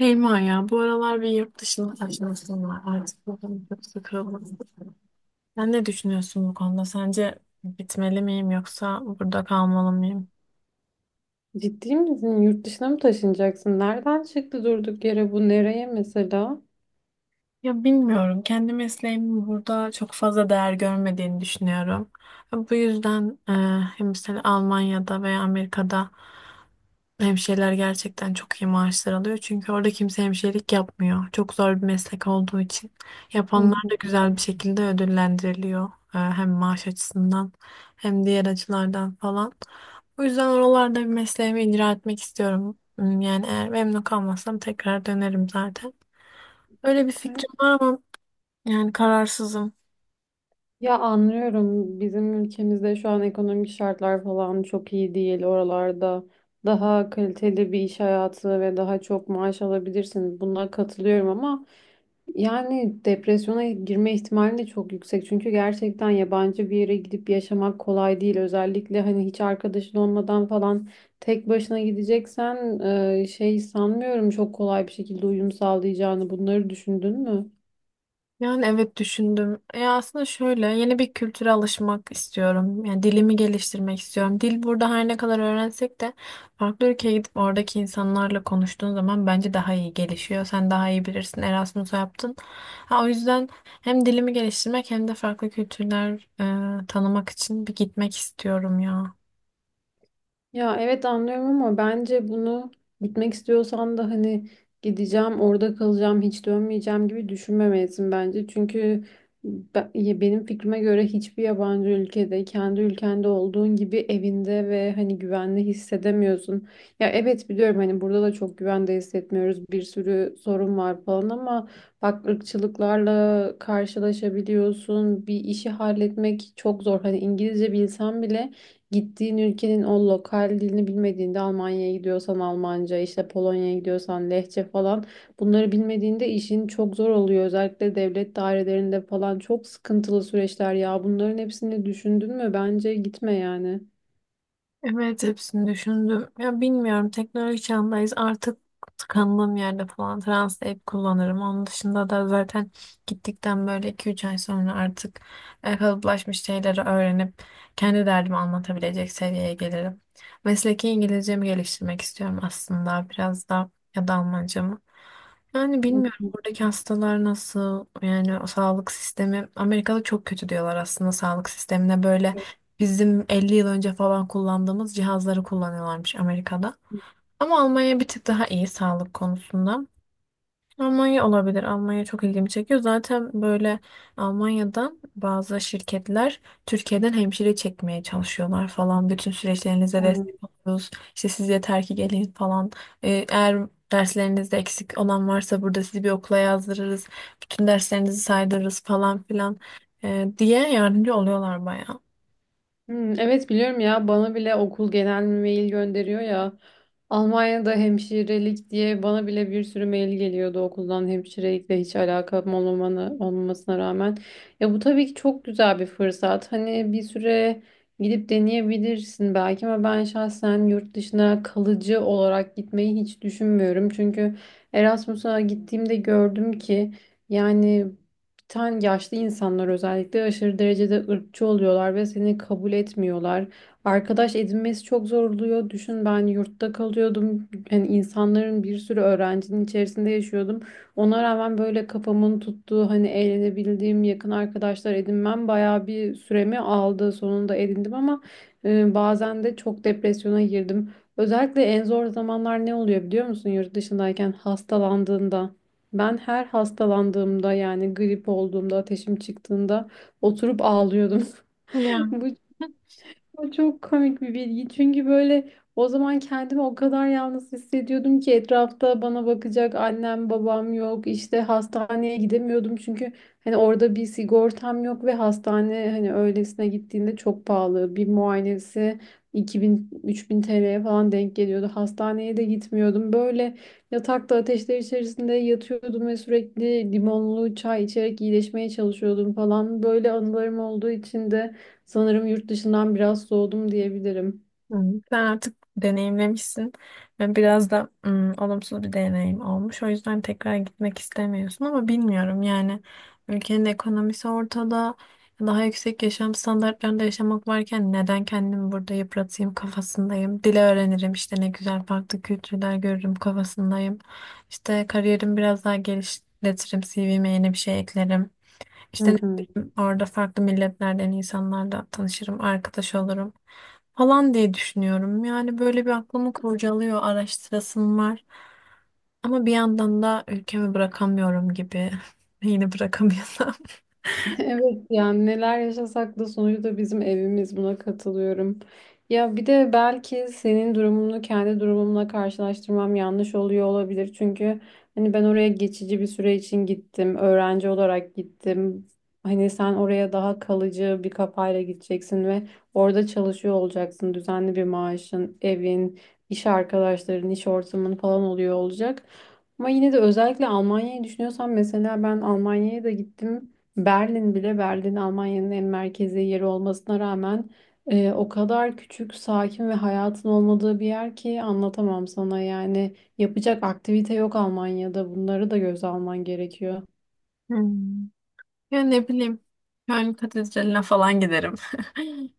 Şeyma ya bu aralar bir yurt dışına taşınasım var. Artık bakalım çok sıkıldım. Sen ne düşünüyorsun bu konuda? Sence gitmeli miyim yoksa burada kalmalı mıyım? Ciddi misin? Yurt dışına mı taşınacaksın? Nereden çıktı durduk yere bu? Nereye mesela? Ya bilmiyorum. Kendi mesleğimin burada çok fazla değer görmediğini düşünüyorum. Bu yüzden hem mesela Almanya'da veya Amerika'da hemşireler gerçekten çok iyi maaşlar alıyor. Çünkü orada kimse hemşirelik yapmıyor. Çok zor bir meslek olduğu için. Hı Yapanlar hı. da güzel bir şekilde ödüllendiriliyor. Hem maaş açısından hem diğer açılardan falan. Bu yüzden oralarda bir mesleğimi icra etmek istiyorum. Yani eğer memnun kalmazsam tekrar dönerim zaten. Öyle bir fikrim var ama yani kararsızım. Ya, anlıyorum. Bizim ülkemizde şu an ekonomik şartlar falan çok iyi değil. Oralarda daha kaliteli bir iş hayatı ve daha çok maaş alabilirsiniz. Buna katılıyorum ama yani depresyona girme ihtimali de çok yüksek. Çünkü gerçekten yabancı bir yere gidip yaşamak kolay değil. Özellikle hani hiç arkadaşın olmadan falan tek başına gideceksen sanmıyorum çok kolay bir şekilde uyum sağlayacağını. Bunları düşündün mü? Yani evet düşündüm. Aslında şöyle yeni bir kültüre alışmak istiyorum. Yani dilimi geliştirmek istiyorum. Dil burada her ne kadar öğrensek de farklı ülkeye gidip oradaki insanlarla konuştuğun zaman bence daha iyi gelişiyor. Sen daha iyi bilirsin. Erasmus'u yaptın. Ha, o yüzden hem dilimi geliştirmek hem de farklı kültürler tanımak için bir gitmek istiyorum ya. Ya evet, anlıyorum ama bence bunu, gitmek istiyorsan da hani "gideceğim, orada kalacağım, hiç dönmeyeceğim" gibi düşünmemelisin bence. Çünkü ya benim fikrime göre hiçbir yabancı ülkede kendi ülkende olduğun gibi evinde ve hani güvenli hissedemiyorsun. Ya evet, biliyorum hani burada da çok güvende hissetmiyoruz. Bir sürü sorun var falan ama bak, ırkçılıklarla karşılaşabiliyorsun. Bir işi halletmek çok zor. Hani İngilizce bilsen bile gittiğin ülkenin o lokal dilini bilmediğinde, Almanya'ya gidiyorsan Almanca, işte Polonya'ya gidiyorsan Lehçe falan, bunları bilmediğinde işin çok zor oluyor. Özellikle devlet dairelerinde falan çok sıkıntılı süreçler ya. Bunların hepsini düşündün mü? Bence gitme yani. Evet hepsini düşündüm. Ya bilmiyorum, teknoloji çağındayız artık, tıkandığım yerde falan Translate kullanırım. Onun dışında da zaten gittikten böyle 2-3 ay sonra artık kalıplaşmış şeyleri öğrenip kendi derdimi anlatabilecek seviyeye gelirim. Mesleki İngilizcemi geliştirmek istiyorum aslında biraz da, ya da Almancamı. Yani Hı bilmiyorum oradaki hastalar nasıl, yani o sağlık sistemi Amerika'da çok kötü diyorlar aslında, sağlık sistemine böyle. Bizim 50 yıl önce falan kullandığımız cihazları kullanıyorlarmış Amerika'da. Ama Almanya bir tık daha iyi sağlık konusunda. Almanya olabilir. Almanya çok ilgimi çekiyor. Zaten böyle Almanya'dan bazı şirketler Türkiye'den hemşire çekmeye çalışıyorlar falan. Bütün süreçlerinize, evet, hı. destek oluyoruz. İşte siz yeter ki gelin falan. Eğer derslerinizde eksik olan varsa burada sizi bir okula yazdırırız. Bütün derslerinizi saydırırız falan filan, diye yardımcı oluyorlar bayağı. Evet, biliyorum ya, bana bile okul genel mail gönderiyor ya. Almanya'da hemşirelik diye bana bile bir sürü mail geliyordu okuldan, hemşirelikle hiç alakam olmamanı, olmamasına rağmen. Ya bu tabii ki çok güzel bir fırsat. Hani bir süre gidip deneyebilirsin belki, ama ben şahsen yurt dışına kalıcı olarak gitmeyi hiç düşünmüyorum. Çünkü Erasmus'a gittiğimde gördüm ki yani Tan yaşlı insanlar özellikle aşırı derecede ırkçı oluyorlar ve seni kabul etmiyorlar. Arkadaş edinmesi çok zor oluyor. Düşün, ben yurtta kalıyordum. Yani insanların, bir sürü öğrencinin içerisinde yaşıyordum. Ona rağmen böyle kafamın tuttuğu, hani eğlenebildiğim yakın arkadaşlar edinmem bayağı bir süremi aldı. Sonunda edindim ama bazen de çok depresyona girdim. Özellikle en zor zamanlar ne oluyor biliyor musun yurt dışındayken? Hastalandığında? Ben her hastalandığımda, yani grip olduğumda, ateşim çıktığında oturup ağlıyordum. Bu o çok komik bir bilgi. Çünkü böyle, o zaman kendimi o kadar yalnız hissediyordum ki, etrafta bana bakacak annem babam yok. İşte hastaneye gidemiyordum çünkü hani orada bir sigortam yok ve hastane hani öylesine gittiğinde çok pahalı. Bir muayenesi 2000-3000 TL'ye falan denk geliyordu. Hastaneye de gitmiyordum. Böyle yatakta ateşler içerisinde yatıyordum ve sürekli limonlu çay içerek iyileşmeye çalışıyordum falan. Böyle anılarım olduğu için de sanırım yurt dışından biraz soğudum diyebilirim. Sen artık deneyimlemişsin ve biraz da olumsuz bir deneyim olmuş. O yüzden tekrar gitmek istemiyorsun ama bilmiyorum, yani ülkenin ekonomisi ortada. Daha yüksek yaşam standartlarında yaşamak varken neden kendimi burada yıpratayım kafasındayım. Dil öğrenirim işte, ne güzel, farklı kültürler görürüm kafasındayım. İşte kariyerimi biraz daha geliştiririm. CV'me yeni bir şey eklerim. Hı İşte ne hı. bileyim, orada farklı milletlerden insanlarla tanışırım, arkadaş olurum falan diye düşünüyorum. Yani böyle bir aklımı kurcalıyor, araştırasım var. Ama bir yandan da ülkemi bırakamıyorum gibi. Yine bırakamıyorum. Evet, yani neler yaşasak da sonucu da bizim evimiz, buna katılıyorum. Ya bir de belki senin durumunu kendi durumumla karşılaştırmam yanlış oluyor olabilir. Çünkü hani ben oraya geçici bir süre için gittim. Öğrenci olarak gittim. Hani sen oraya daha kalıcı bir kafayla gideceksin ve orada çalışıyor olacaksın. Düzenli bir maaşın, evin, iş arkadaşların, iş ortamın falan oluyor olacak. Ama yine de, özellikle Almanya'yı düşünüyorsan, mesela ben Almanya'ya da gittim. Berlin, Almanya'nın en merkezi yeri olmasına rağmen o kadar küçük, sakin ve hayatın olmadığı bir yer ki anlatamam sana. Yani yapacak aktivite yok Almanya'da. Bunları da göze alman gerekiyor. Hmm. Ya ne bileyim, Köln Katedrali'ne falan giderim.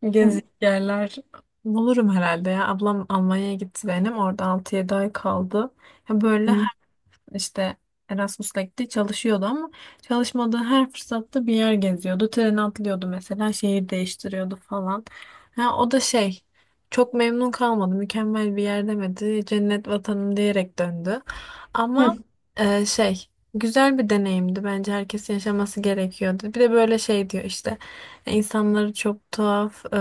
Hı Gezecek yerler bulurum herhalde ya. Ablam Almanya'ya gitti benim. Orada 6-7 ay kaldı. Ya böyle hı. işte Erasmus'la gitti, çalışıyordu ama çalışmadığı her fırsatta bir yer geziyordu. Trene atlıyordu mesela, şehir değiştiriyordu falan. Ha, o da şey çok memnun kalmadı, mükemmel bir yer demedi, cennet vatanım diyerek döndü. Ama şey güzel bir deneyimdi, bence herkesin yaşaması gerekiyordu. Bir de böyle şey diyor işte, insanları çok tuhaf,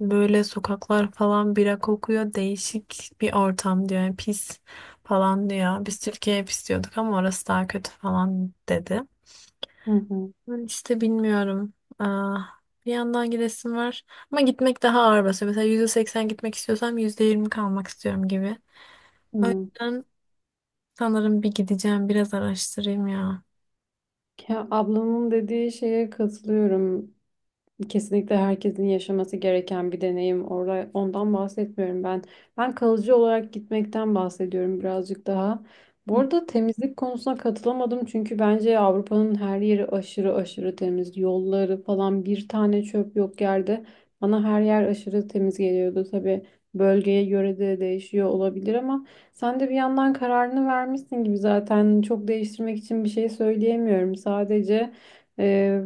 böyle sokaklar falan bira kokuyor, değişik bir ortam diyor, yani pis falan diyor. Biz Türkiye hep istiyorduk ama orası daha kötü falan dedi. Hı hı. Ben işte bilmiyorum. Aa, bir yandan gidesim var. Ama gitmek daha ağır basıyor. Mesela %80 gitmek istiyorsam %20 kalmak istiyorum gibi. O Hı. yüzden sanırım bir gideceğim, biraz araştırayım ya. Ya, ablamın dediği şeye katılıyorum. Kesinlikle herkesin yaşaması gereken bir deneyim. Orada, ondan bahsetmiyorum ben. Ben kalıcı olarak gitmekten bahsediyorum birazcık daha. Bu arada temizlik konusuna katılamadım, çünkü bence Avrupa'nın her yeri aşırı aşırı temiz. Yolları falan, bir tane çöp yok yerde. Bana her yer aşırı temiz geliyordu. Tabii bölgeye göre de değişiyor olabilir ama sen de bir yandan kararını vermişsin gibi, zaten çok değiştirmek için bir şey söyleyemiyorum. Sadece e,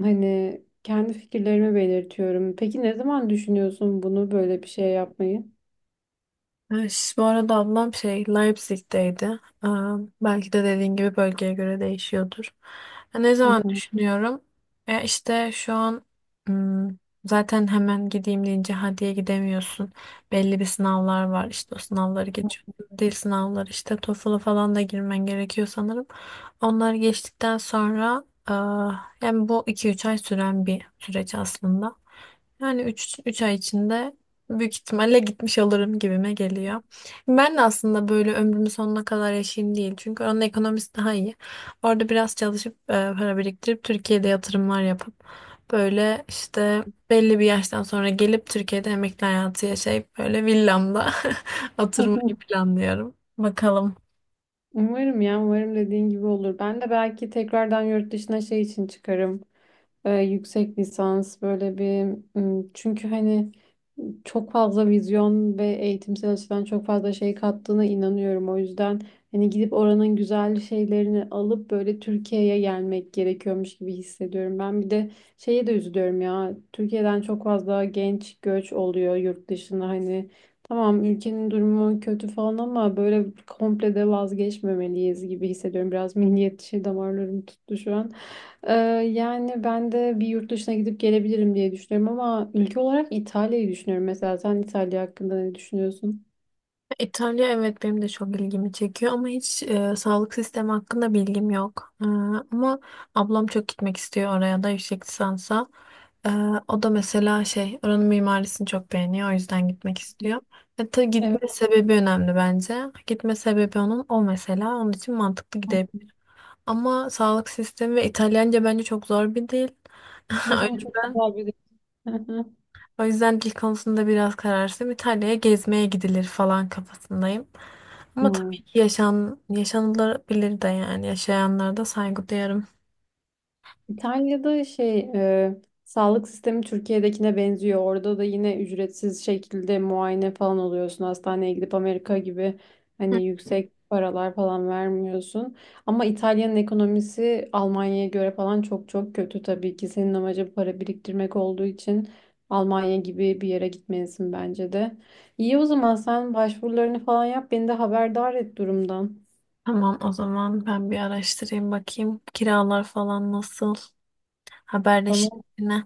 hani kendi fikirlerimi belirtiyorum. Peki, ne zaman düşünüyorsun bunu, böyle bir şey yapmayı? Bu arada ablam şey Leipzig'teydi. Belki de dediğin gibi bölgeye göre değişiyordur. Ya, ne Hı zaman hı. düşünüyorum? Ya işte şu an, hmm, zaten hemen gideyim deyince hadiye gidemiyorsun. Belli bir sınavlar var. İşte o sınavları geçiyor. Dil sınavları işte TOEFL'a falan da girmen gerekiyor sanırım. Onları geçtikten sonra, yani bu 2-3 ay süren bir süreç aslında. Yani üç ay içinde büyük ihtimalle gitmiş olurum gibime geliyor. Ben de aslında böyle ömrümün sonuna kadar yaşayayım değil. Çünkü onun ekonomisi daha iyi. Orada biraz çalışıp para biriktirip Türkiye'de yatırımlar yapıp böyle işte belli bir yaştan sonra gelip Türkiye'de emekli hayatı yaşayıp böyle villamda oturmayı planlıyorum. Bakalım. Umarım ya, umarım dediğin gibi olur. Ben de belki tekrardan yurt dışına şey için çıkarım. Yüksek lisans böyle bir, çünkü hani çok fazla vizyon ve eğitimsel açıdan çok fazla şey kattığına inanıyorum. O yüzden hani gidip oranın güzel şeylerini alıp böyle Türkiye'ye gelmek gerekiyormuş gibi hissediyorum. Ben bir de şeye de üzülüyorum ya. Türkiye'den çok fazla genç göç oluyor yurt dışına hani. Tamam, ülkenin durumu kötü falan ama böyle komple de vazgeçmemeliyiz gibi hissediyorum. Biraz milliyetçi damarlarım tuttu şu an. Ee, yani ben de bir yurt dışına gidip gelebilirim diye düşünüyorum ama ülke olarak İtalya'yı düşünüyorum mesela. Sen İtalya hakkında ne düşünüyorsun? İtalya, evet, benim de çok ilgimi çekiyor ama hiç sağlık sistemi hakkında bilgim yok. Ama ablam çok gitmek istiyor oraya da, yüksek lisansa. E, O da mesela şey oranın mimarisini çok beğeniyor, o yüzden gitmek istiyor. Tabii Evet, gitme sebebi önemli bence. Gitme sebebi onun, o mesela onun için mantıklı gidebilir. Ama sağlık sistemi ve İtalyanca bence çok zor bir dil. O evet ama çok yüzden, güzel bir o yüzden dil konusunda biraz kararsızım. İtalya'ya gezmeye gidilir falan kafasındayım. Hı Ama tabii hı. ki yaşan, yaşanılabilir de, yani yaşayanlara da saygı duyarım. İtalya'da sağlık sistemi Türkiye'dekine benziyor. Orada da yine ücretsiz şekilde muayene falan oluyorsun. Hastaneye gidip Amerika gibi Hı. hani yüksek paralar falan vermiyorsun. Ama İtalya'nın ekonomisi Almanya'ya göre falan çok çok kötü tabii ki. Senin amacın para biriktirmek olduğu için Almanya gibi bir yere gitmelisin bence de. İyi, o zaman sen başvurularını falan yap. Beni de haberdar et durumdan. Tamam, o zaman ben bir araştırayım, bakayım. Kiralar falan nasıl? Tamam, Haberleşelim yine.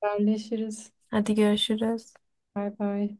haberleşiriz. Hadi, görüşürüz. Bay bay.